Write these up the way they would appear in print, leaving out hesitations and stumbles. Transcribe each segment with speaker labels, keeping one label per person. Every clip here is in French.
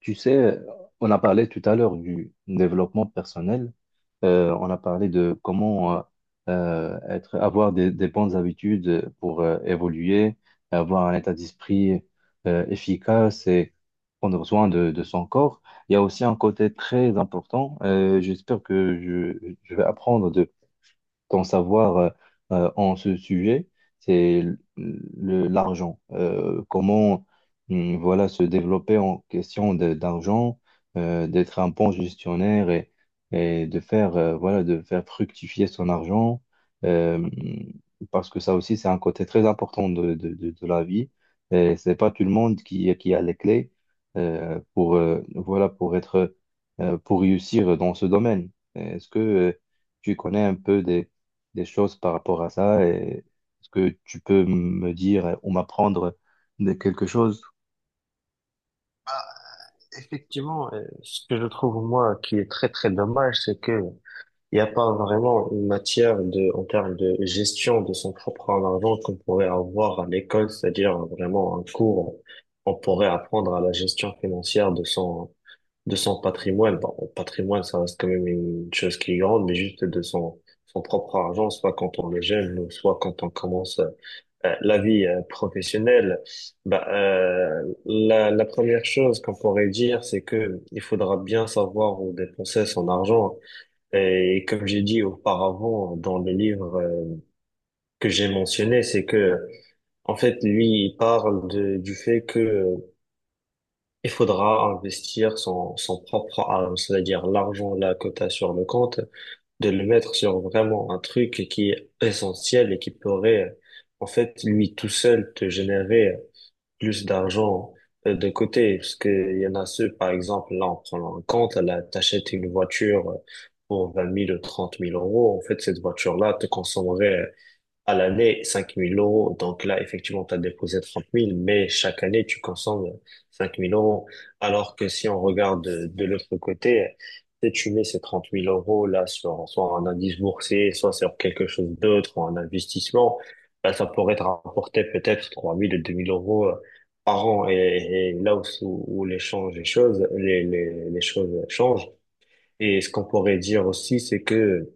Speaker 1: Tu sais, on a parlé tout à l'heure du développement personnel. On a parlé de comment être, avoir des bonnes habitudes pour évoluer, avoir un état d'esprit efficace et prendre soin de son corps. Il y a aussi un côté très important. J'espère que je vais apprendre de ton savoir en ce sujet. C'est l'argent. Comment voilà, se développer en question d'argent, d'être un bon gestionnaire et de faire, voilà, de faire fructifier son argent, euh, parce que ça aussi, c'est un côté très important de la vie. Et c'est pas tout le monde qui a les clés, pour, voilà, pour être, pour réussir dans ce domaine. Est-ce que, tu connais un peu des choses par rapport à ça et est-ce que tu peux me dire ou m'apprendre de quelque chose?
Speaker 2: Bah, effectivement, ce que je trouve moi qui est très très dommage, c'est que il n'y a pas vraiment une matière en termes de gestion de son propre argent qu'on pourrait avoir à l'école, c'est-à-dire vraiment un cours, on pourrait apprendre à la gestion financière de son patrimoine. Bon, le patrimoine, ça reste quand même une chose qui est grande, mais juste de son propre argent, soit quand on est jeune, soit quand on commence la vie professionnelle. Bah, la première chose qu'on pourrait dire, c'est que il faudra bien savoir où dépenser son argent. Et comme j'ai dit auparavant dans le livre que j'ai mentionné, c'est que en fait, lui, il parle du fait que il faudra investir son propre argent, c'est-à-dire l'argent là que tu sur le compte, de le mettre sur vraiment un truc qui est essentiel et qui pourrait en fait, lui tout seul, te générer plus d'argent de côté, parce qu'il y en a ceux, par exemple, là, en prenant en compte, là, t'achètes une voiture pour 20 000 ou 30 000 euros. En fait, cette voiture-là te consommerait à l'année 5 000 euros. Donc là, effectivement, tu as déposé 30 000, mais chaque année, tu consommes 5 000 euros. Alors que si on regarde de l'autre côté, si tu mets ces 30 000 euros là sur soit un indice boursier, soit sur quelque chose d'autre, ou un investissement, là, ça pourrait te rapporter peut-être 3 000 ou 2 000 euros par an. Et là où les, changes, les choses changent. Et ce qu'on pourrait dire aussi, c'est que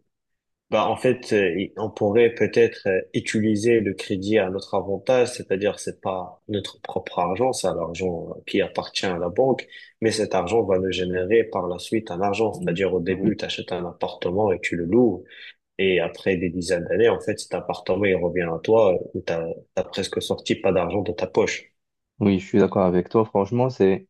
Speaker 2: bah, en fait, on pourrait peut-être utiliser le crédit à notre avantage, c'est-à-dire c'est pas notre propre argent, c'est l'argent qui appartient à la banque, mais cet argent va nous générer par la suite un argent,
Speaker 1: Mm.
Speaker 2: c'est-à-dire au début,
Speaker 1: Oui,
Speaker 2: tu achètes un appartement et tu le loues, et après des dizaines d'années, en fait, cet appartement, il revient à toi, où t'as presque sorti pas d'argent de ta poche.
Speaker 1: oui, je suis d'accord avec toi. Franchement, c'est,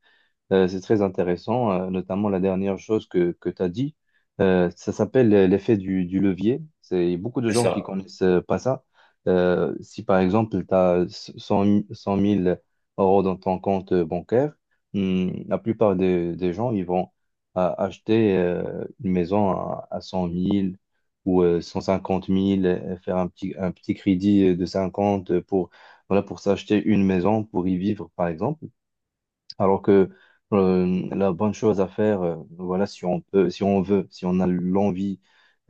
Speaker 1: Euh, c'est très intéressant, notamment la dernière chose que tu as dit. Ça s'appelle l'effet du levier. C'est beaucoup de
Speaker 2: C'est
Speaker 1: gens qui
Speaker 2: ça.
Speaker 1: connaissent pas ça. Si par exemple, tu as 100 000 euros dans ton compte bancaire. La plupart des gens, ils vont acheter une maison à 100 000 ou 150 000, faire un petit crédit de 50 pour, voilà, pour s'acheter une maison, pour y vivre, par exemple. Alors que la bonne chose à faire, voilà, si on peut, si on veut, si on a l'envie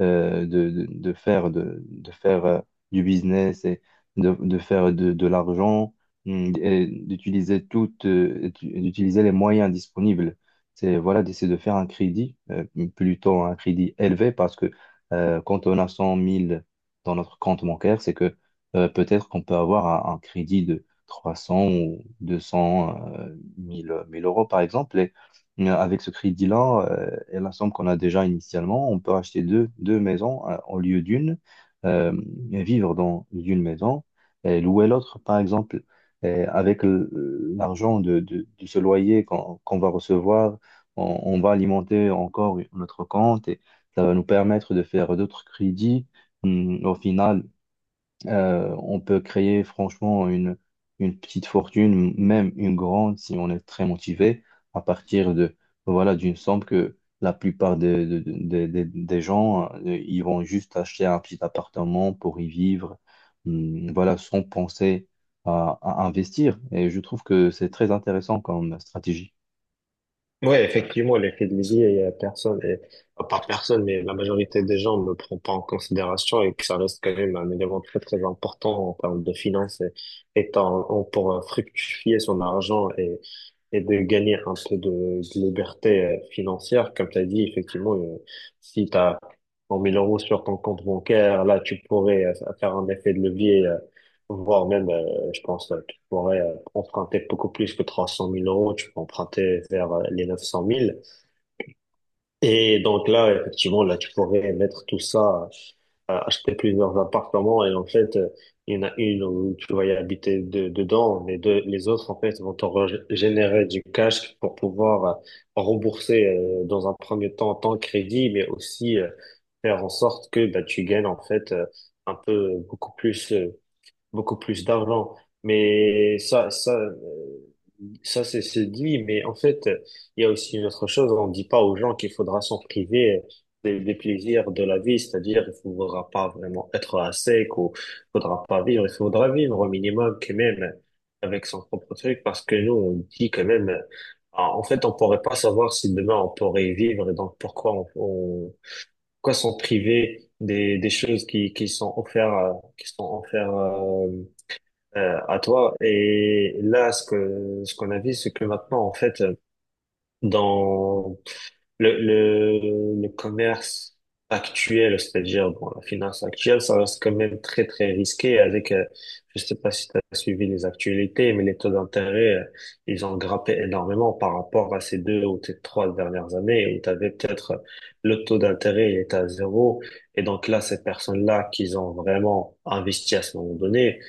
Speaker 1: de faire du business et de faire de l'argent. Et d'utiliser toutes, et d'utiliser les moyens disponibles. C'est voilà, d'essayer de faire un crédit, plutôt un crédit élevé, parce que quand on a 100 000 dans notre compte bancaire, c'est que peut-être qu'on peut avoir un crédit 300 ou 200 1 000, 1 000 euros, par exemple. Et avec ce crédit-là, et la somme qu'on a déjà initialement, on peut acheter deux maisons au lieu d'une, euh, et vivre dans une maison et louer l'autre, par exemple. Et avec l'argent de ce loyer qu'on va recevoir, on va alimenter encore notre compte et ça va nous permettre de faire d'autres crédits. Au final, on peut créer franchement une petite fortune, même une grande, si on est très motivé, à partir de voilà d'une somme que la plupart des gens, ils vont juste acheter un petit appartement pour y vivre. Voilà, sans penser à investir. Et je trouve que c'est très intéressant comme stratégie.
Speaker 2: Ouais, effectivement, l'effet de levier, il y a personne, et, enfin, pas personne, mais la majorité des gens ne le prend pas en considération et que ça reste quand même un élément très, très important en termes de finances et pour fructifier son argent et de gagner un peu de liberté financière. Comme tu as dit, effectivement, si tu as 100 000 euros sur ton compte bancaire, là, tu pourrais faire un effet de levier, voire même, je pense, tu pourrais emprunter beaucoup plus que 300 000 euros, tu peux emprunter vers les 900 000. Et donc là, effectivement, là, tu pourrais mettre tout ça, acheter plusieurs appartements, et en fait, il y en a une où tu vas y habiter dedans, les deux, les autres en fait vont te générer du cash pour pouvoir rembourser dans un premier temps ton crédit, mais aussi faire en sorte que bah, tu gagnes en fait un peu beaucoup plus d'argent. Mais ça, ça c'est dit. Mais en fait, il y a aussi une autre chose. On ne dit pas aux gens qu'il faudra s'en priver des plaisirs de la vie. C'est-à-dire, il faudra pas vraiment être à sec ou il faudra pas vivre. Il faudra vivre au minimum quand même avec son propre truc, parce que nous, on dit quand même, ah, en fait, on pourrait pas savoir si demain on pourrait vivre, et donc pourquoi on pourquoi s'en priver des choses qui sont offertes à toi. Et là, ce que ce qu'on a vu, c'est que maintenant, en fait, dans le commerce actuel, c'est-à-dire bon, la finance actuelle, ça reste quand même très, très risqué. Avec, je sais pas si tu as suivi les actualités, mais les taux d'intérêt, ils ont grimpé énormément par rapport à ces deux ou ces trois dernières années, où tu avais peut-être le taux d'intérêt, il était à zéro. Et donc là, ces personnes-là qui ont vraiment investi à ce moment donné,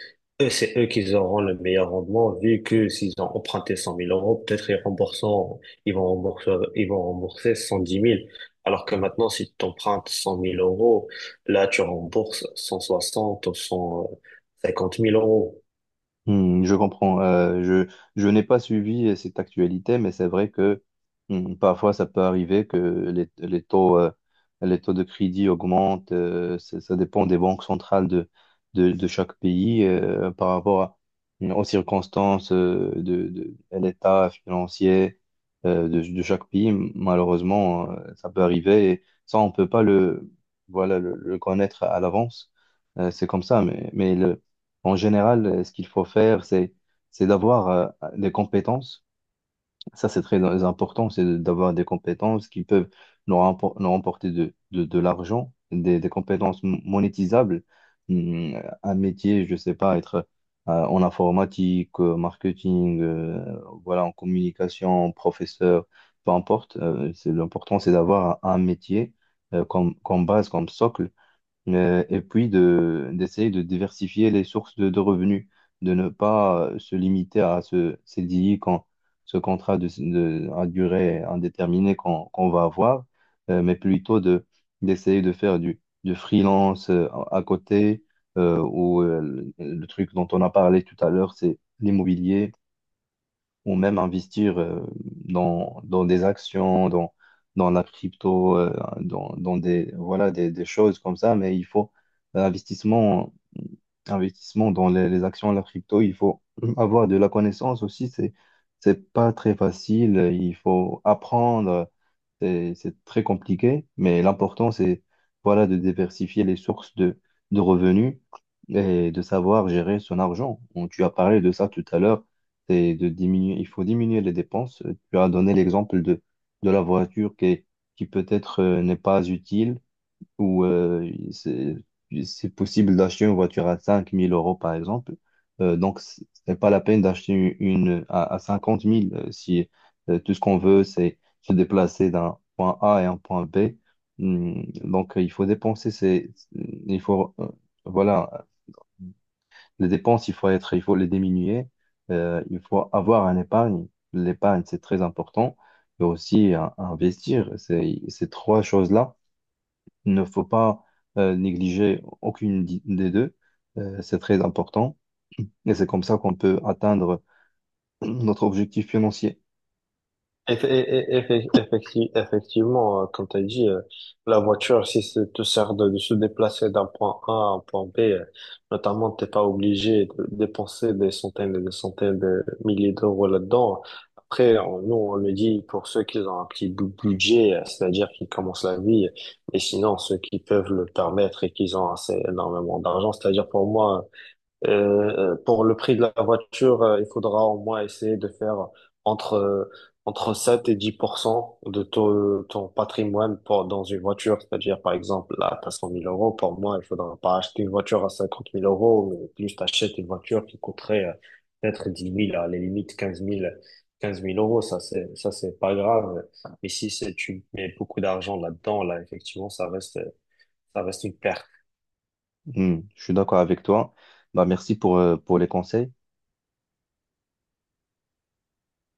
Speaker 2: eux, c'est eux qui auront le meilleur rendement, vu que s'ils ont emprunté 100 000 euros, peut-être ils vont rembourser, ils vont rembourser 110 000. Alors que maintenant, si tu empruntes 100 000 euros, là, tu rembourses 160 000 ou 150 000 euros.
Speaker 1: Je comprends. Je n'ai pas suivi cette actualité, mais c'est vrai que parfois ça peut arriver que les taux de crédit augmentent. Ça dépend des banques centrales de chaque pays par rapport aux circonstances à l'état financier de chaque pays. Malheureusement, ça peut arriver et ça, on peut pas voilà, le connaître à l'avance. C'est comme ça, mais le en général, ce qu'il faut faire, c'est d'avoir des compétences. Ça, c'est très important, c'est d'avoir des compétences qui peuvent nous remporter de l'argent, des compétences monétisables. Hmm, Un métier, je sais pas, être en informatique, marketing, voilà, en communication, professeur, peu importe. C'est, l'important, c'est d'avoir un métier comme base, comme socle et puis d'essayer de diversifier les sources de revenus, de ne pas se limiter à ce CDI, quand, ce contrat à durée indéterminée qu'on va avoir, mais plutôt d'essayer de faire du freelance à côté, ou le truc dont on a parlé tout à l'heure, c'est l'immobilier ou même investir dans des actions, dans la crypto, dans des choses comme ça. Mais il faut investissement, investissement dans les actions, la crypto, il faut avoir de la connaissance aussi. C'est pas très facile. Il faut apprendre. C'est très compliqué, mais l'important, c'est voilà, de diversifier les sources de revenus et de savoir gérer son argent. Bon, tu as parlé de ça tout à l'heure, c'est de diminuer, il faut diminuer les dépenses. Tu as donné l'exemple de la voiture qui peut-être n'est pas utile où c'est possible d'acheter une voiture à 5 000 euros, par exemple. Donc, ce n'est pas la peine d'acheter une à 50 000 si tout ce qu'on veut, c'est se déplacer d'un point A à un point B. Donc, il faut dépenser ces, il faut, voilà, les dépenses, il faut être, il faut les diminuer. Il faut avoir un épargne. L'épargne, c'est très important. Et aussi, investir. Ces trois choses-là il ne faut pas négliger aucune des deux. C'est très important. Et c'est comme ça qu'on peut atteindre notre objectif financier.
Speaker 2: Effectivement, comme tu as dit, la voiture, si ça te sert de se déplacer d'un point A à un point B, notamment, t'es pas obligé de dépenser des centaines et des centaines de milliers d'euros là-dedans. Après, nous, on le dit pour ceux qui ont un petit budget, c'est-à-dire qui commencent la vie, et sinon, ceux qui peuvent le permettre et qui ont assez énormément d'argent, c'est-à-dire pour moi, pour le prix de la voiture, il faudra au moins essayer de faire entre, euh, entre 7 et 10% de ton patrimoine pour, dans une voiture. C'est-à-dire, par exemple, là, t'as 100 000 euros. Pour moi, il faudra pas acheter une voiture à 50 000 euros, mais plus t'achètes une voiture qui coûterait peut-être 10 000, à la limite quinze mille euros. Ça, c'est, pas grave. Mais si tu mets beaucoup d'argent là-dedans, là, effectivement, ça reste une perte.
Speaker 1: Je suis d'accord avec toi. Bah, merci pour les conseils.